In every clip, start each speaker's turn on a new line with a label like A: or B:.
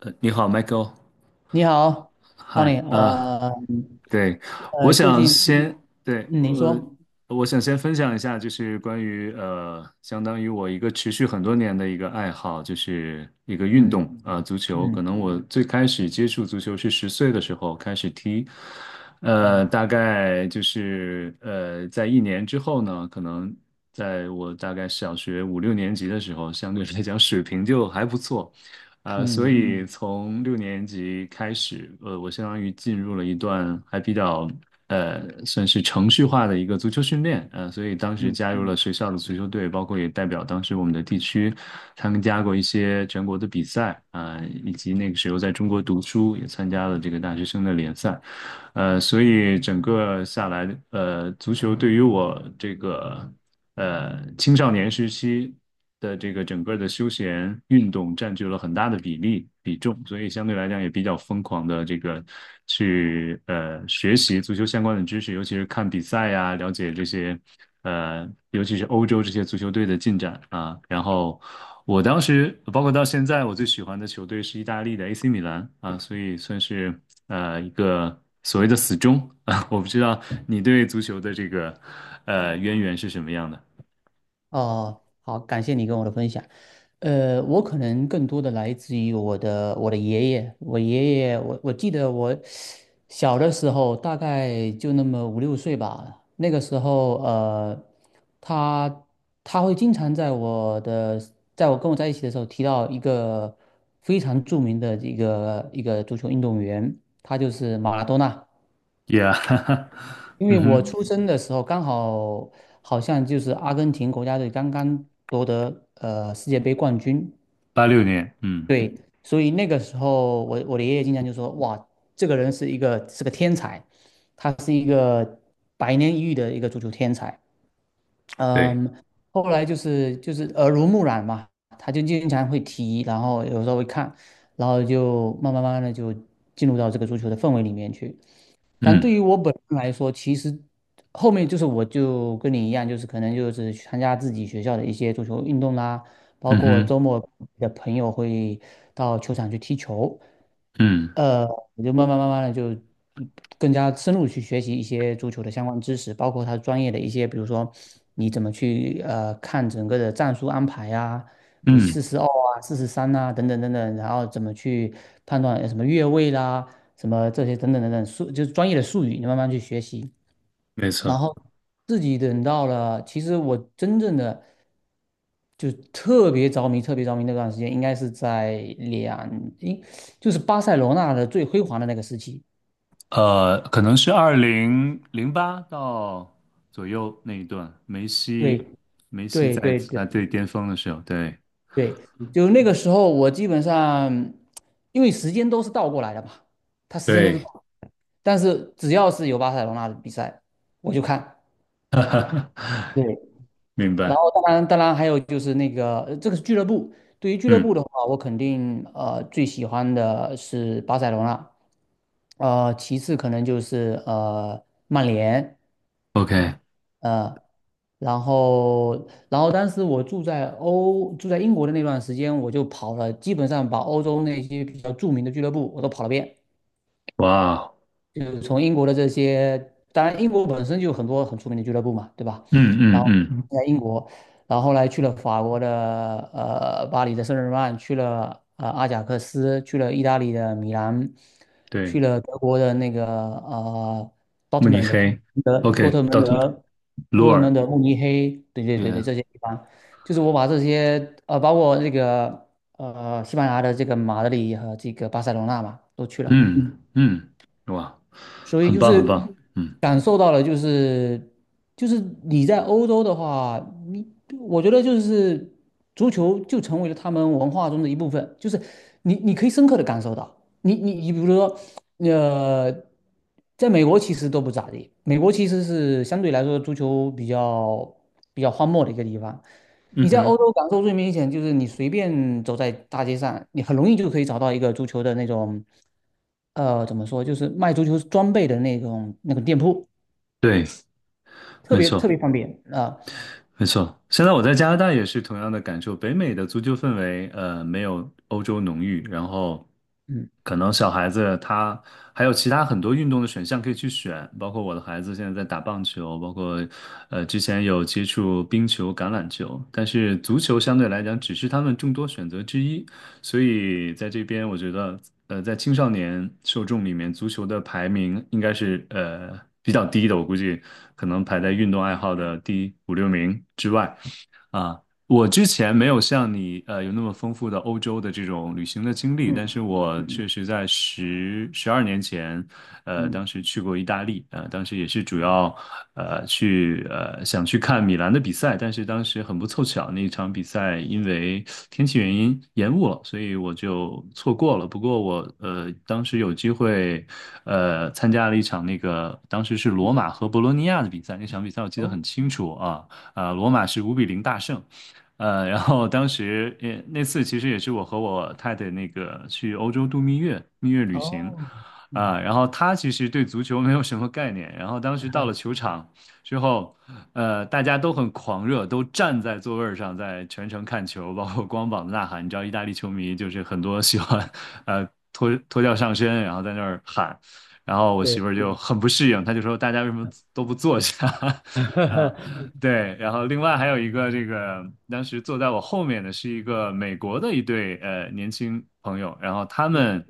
A: 你好，Michael，
B: 你好
A: 嗨，
B: ，Tony，
A: 啊，对，我
B: 最
A: 想
B: 近，
A: 先，对，
B: 嗯，您说，
A: 我想先分享一下，就是关于相当于我一个持续很多年的一个爱好，就是一个运
B: 嗯
A: 动，啊，足球。可
B: 嗯
A: 能我最开始接触足球是10岁的时候开始踢，大
B: 嗯
A: 概就是在一年之后呢，可能在我大概小学五六年级的时候，相对来讲水平就还不错。啊，所
B: 嗯
A: 以从六年级开始，我相当于进入了一段还比较算是程序化的一个足球训练，所以当时
B: 嗯，
A: 加入了学校的足球队，包括也代表当时我们的地区参加过一些全国的比赛，啊、以及那个时候在中国读书，也参加了这个大学生的联赛。所以整个下来，足球对于我这个青少年时期的这个整个的休闲运动占据了很大的比例比重，所以相对来讲也比较疯狂的这个去学习足球相关的知识，尤其是看比赛呀，了解这些尤其是欧洲这些足球队的进展啊。然后我当时包括到现在，我最喜欢的球队是意大利的 AC 米兰啊，所以算是一个，所谓的死忠啊，我不知道你对足球的这个渊源是什么样的。
B: 哦，好，感谢你跟我的分享。我可能更多的来自于我的爷爷，我爷爷，我记得我小的时候大概就那么五六岁吧，那个时候他他会经常在在我跟我在一起的时候提到一个非常著名的一个足球运动员，他就是马拉多纳。
A: Yeah，
B: 因 为
A: 嗯
B: 我
A: 哼，
B: 出生的时候刚好好像就是阿根廷国家队刚刚夺得世界杯冠军，
A: 86年，嗯，
B: 对，所以那个时候我的爷爷经常就说，哇，这个人是是个天才，他是一个百年一遇的一个足球天才，
A: 对，
B: 嗯，后来就是耳濡目染嘛，他就经常会提，然后有时候会看，然后就慢慢慢慢的就进入到这个足球的氛围里面去。但对
A: 嗯
B: 于我本人来说，其实后面就是我就跟你一样，就是可能就是去参加自己学校的一些足球运动啦，包
A: 嗯
B: 括
A: 哼，
B: 周末的朋友会到球场去踢球，
A: 嗯
B: 呃，我就慢慢慢慢的就更加深入去学习一些足球的相关知识，包括它专业的一些，比如说你怎么去看整个的战术安排啊，比如
A: 嗯，
B: 四十二啊、四十三啊等等等等，然后怎么去判断什么越位啦。什么这些等等等等术，就是专业的术语，你慢慢去学习。
A: 没
B: 然
A: 错，
B: 后自己等到了，其实我真正的就特别着迷、特别着迷那段时间，应该是在两，应就是巴塞罗那的最辉煌的那个时期。
A: 可能是2008到左右那一段，
B: 对
A: 梅西
B: 对
A: 在
B: 对
A: 他
B: 对
A: 最巅峰的时候，对，
B: 对，就那个时候，我基本上因为时间都是倒过来的嘛，它时间都是
A: 对，
B: 倒，但是只要是有巴塞罗那的比赛，我就看。对，
A: 明
B: 然
A: 白，
B: 后当然，还有就是那个，这个是俱乐部。对于俱乐部
A: 嗯
B: 的话，我肯定最喜欢的是巴塞罗那，其次可能就是曼联，
A: ，OK，
B: 呃，然后当时我住在英国的那段时间，我就跑了，基本上把欧洲那些比较著名的俱乐部我都跑了遍。
A: 哇哦，
B: 就是从英国的这些，当然英国本身就有很多很出名的俱乐部嘛，对吧？
A: 嗯
B: 然
A: 嗯
B: 后
A: 嗯，
B: 在英国，然后后来去了法国的巴黎的圣日耳曼，去了阿贾克斯，去了意大利的米兰，去
A: 对，
B: 了德国的那个
A: 慕尼
B: Dortmund 的
A: 黑
B: 多
A: ，OK，
B: 特蒙
A: 到
B: 德、
A: 鲁
B: 多特蒙
A: 尔，
B: 德、慕尼黑，对对对对，
A: 也，
B: 这些地方，就是我把这些包括这个西班牙的这个马德里和这个巴塞罗那嘛，都去了。
A: 嗯嗯，哇，
B: 所以
A: 很
B: 就
A: 棒很
B: 是
A: 棒，嗯，
B: 感受到了，就是你在欧洲的话，我觉得就是足球就成为了他们文化中的一部分，就是你可以深刻的感受到，你比如说，呃，在美国其实都不咋地，美国其实是相对来说足球比较荒漠的一个地方，
A: 嗯
B: 你在
A: 哼，
B: 欧洲感受最明显就是你随便走在大街上，你很容易就可以找到一个足球的那种，怎么说，就是卖足球装备的那种那个店铺，
A: 对，
B: 特
A: 没
B: 别特
A: 错
B: 别方便啊、
A: 没错。现在我在加拿大也是同样的感受，北美的足球氛围，没有欧洲浓郁，然后
B: 嗯
A: 可能小孩子他还有其他很多运动的选项可以去选，包括我的孩子现在在打棒球，包括之前有接触冰球、橄榄球，但是足球相对来讲只是他们众多选择之一，所以在这边，我觉得，在青少年受众里面，足球的排名应该是比较低的，我估计可能排在运动爱好的第五六名之外。啊，我之前没有像你有那么丰富的欧洲的这种旅行的经历，
B: 嗯
A: 但是我
B: 嗯
A: 确实在12年前，
B: 嗯
A: 当时去过意大利，当时也是主要去想去看米兰的比赛，但是当时很不凑巧，那一场比赛因为天气原因延误了，所以我就错过了。不过我当时有机会参加了一场那个当时是罗
B: 嗯，
A: 马和博洛尼亚的比赛，那场比赛我记得
B: 哦
A: 很清楚啊。罗马是5-0大胜。然后当时也那次其实也是我和我太太那个去欧洲度蜜月，蜜月旅行，
B: 哦，嗯，
A: 啊、然后她其实对足球没有什么概念，然后当时到了 球场之后，大家都很狂热，都站在座位儿上在全程看球，包括光膀子呐喊。你知道意大利球迷就是很多喜欢，脱掉上身，然后在那儿喊，然后我媳
B: 对，
A: 妇儿就很不适应，她就说大家为什么都不坐下？啊、对，然后另外还有一个这个，当时坐在我后面的是一个美国的一对年轻朋友，然后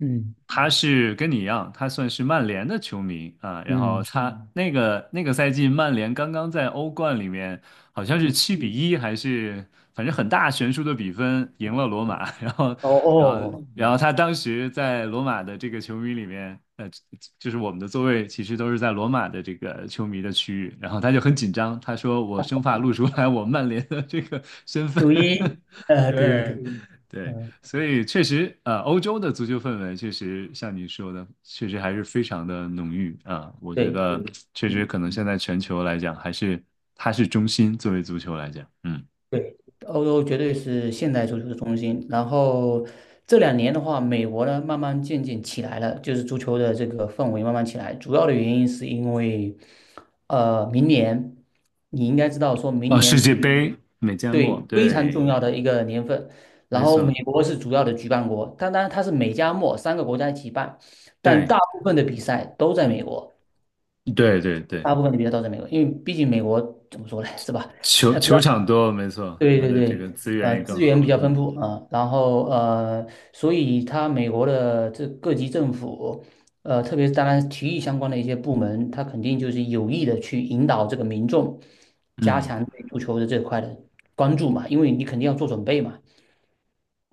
B: 嗯
A: 他是跟你一样，他算是曼联的球迷啊，然后
B: 嗯
A: 他那个赛季曼联刚刚在欧冠里面好像是
B: 嗯，
A: 7-1还是反正很大悬殊的比分赢了罗马，
B: 哦
A: 然后
B: 哦，
A: 然后他当时在罗马的这个球迷里面，就是我们的座位其实都是在罗马的这个球迷的区域，然后他就很紧张，他说我生怕露出来我曼联的这个身份，
B: 9-1，对对
A: 对
B: 对，
A: 对。
B: 呃，
A: 所以确实，欧洲的足球氛围确实像你说的，确实还是非常的浓郁啊。我觉
B: 对。
A: 得确实
B: 嗯。
A: 可能现在全球来讲，还是它是中心，作为足球来讲，嗯，
B: 对，欧洲绝对是现代足球的中心。然后这两年的话，美国呢慢慢渐渐起来了，就是足球的这个氛围慢慢起来。主要的原因是因为，明年你应该知道，说明
A: 哦，
B: 年
A: 世界
B: 是，
A: 杯，美加墨，
B: 对，非常重
A: 对，
B: 要的一个年份。然
A: 没
B: 后美
A: 错，
B: 国是主要的举办国，当然它是美加墨三个国家一起办，但
A: 对，
B: 大部分的比赛都在美国，
A: 对对对，
B: 大部分的比赛都在美国，因为毕竟美国怎么说呢，是吧？比
A: 球
B: 较。
A: 场多，没错，
B: 对
A: 它
B: 对
A: 的这
B: 对，
A: 个资源也更
B: 资源比
A: 好，
B: 较丰
A: 嗯
B: 富啊，然后所以它美国的这各级政府，特别是当然体育相关的一些部门，它肯定就是有意的去引导这个民众加
A: 嗯，
B: 强对足球的这块的关注嘛，因为你肯定要做准备嘛。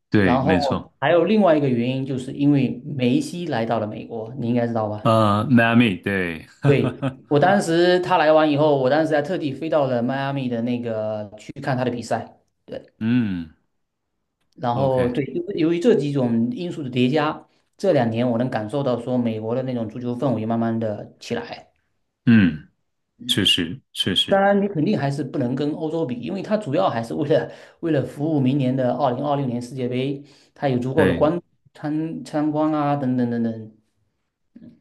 A: 对，
B: 然后
A: 没错，
B: 还有另外一个原因，就是因为梅西来到了美国，你应该知道吧？
A: 迈阿密，对，
B: 对，我当时他来完以后，我当时还特地飞到了迈阿密的那个去看他的比赛。对。
A: 嗯
B: 然后
A: ，OK，
B: 对，由于这几种因素的叠加，这两年我能感受到说美国的那种足球氛围慢慢的起来。
A: 嗯，确实确
B: 当
A: 实，
B: 然，你肯定还是不能跟欧洲比，因为它主要还是为了服务明年的2026年世界杯，它有足够的
A: 对
B: 参观啊，等等等等。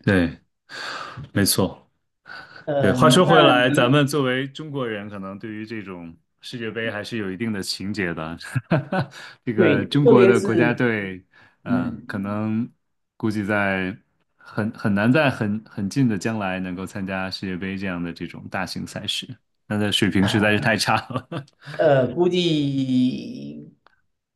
A: 对。没错。对，话
B: 嗯、
A: 说回
B: 那
A: 来，咱
B: 你
A: 们作为中国人，可能对于这种世界杯还是有一定的情结的。这个
B: 对，
A: 中
B: 特
A: 国
B: 别
A: 的
B: 是
A: 国家队，
B: 嗯。
A: 可能估计在很难在很近的将来能够参加世界杯这样的这种大型赛事，那的水平实在是太差了，
B: 估计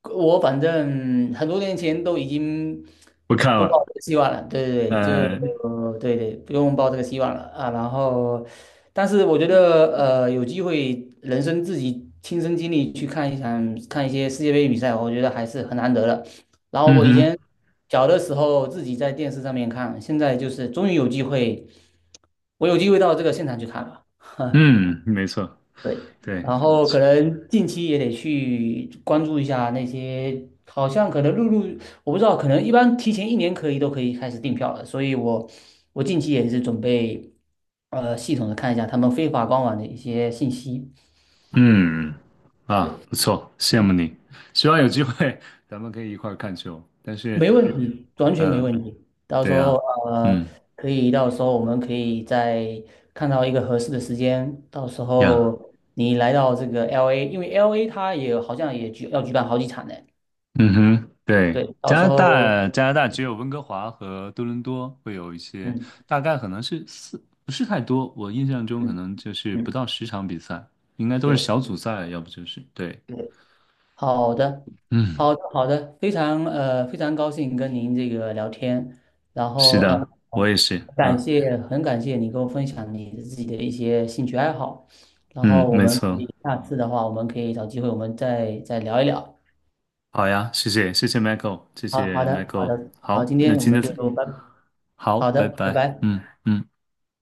B: 我反正很多年前都已经
A: 不看
B: 不抱
A: 了。
B: 这个希望了。对对对，就
A: 呃，
B: 对对，不用抱这个希望了啊。然后，但是我觉得，有机会人生自己亲身经历去看一些世界杯比赛，我觉得还是很难得的。然后
A: 嗯
B: 我以
A: 哼，
B: 前小的时候自己在电视上面看，现在就是终于有机会，我有机会到这个现场去看了。
A: 嗯，没错，
B: 对，
A: 对。
B: 然后可能近期也得去关注一下那些，好像可能我不知道，可能一般提前一年都可以开始订票了，所以我近期也是准备，系统的看一下他们非法官网的一些信息，
A: 嗯，嗯嗯啊，不错，羡慕你。希望有机会 咱们可以一块儿看球。但是，
B: 没问题，完全没
A: 嗯、
B: 问题。到时
A: 对
B: 候
A: 呀、
B: 呃，
A: 嗯
B: 可以到时候我们可以再看到一个合适的时间，到时
A: 呀，
B: 候你来到这个 LA，因为 LA 它也好像也要举办好几场呢。
A: 嗯哼，对，
B: 对，到
A: 加
B: 时
A: 拿
B: 候，
A: 大，加拿大只有温哥华和多伦多会有一些，
B: 嗯
A: 大概可能是四，不是太多。我印象中可
B: 嗯
A: 能就是不
B: 嗯，
A: 到10场比赛，应该都是
B: 对
A: 小组赛，要不就是对。
B: 对，好的，
A: 嗯，
B: 好的好的，非常非常高兴跟您这个聊天，然
A: 是
B: 后
A: 的，我也是。啊，
B: 很感谢你跟我分享你自己的一些兴趣爱好，然
A: 嗯，
B: 后我
A: 没
B: 们可
A: 错。
B: 以下次的话，我们可以找机会我们再聊一聊。
A: 好呀，谢谢，谢谢 Michael，谢
B: 好好
A: 谢
B: 的好
A: Michael。
B: 的，好，
A: 好，
B: 今
A: 那
B: 天我
A: 今
B: 们
A: 天
B: 就拜，
A: 好，
B: 好的，
A: 拜
B: 拜
A: 拜。
B: 拜。
A: 嗯嗯。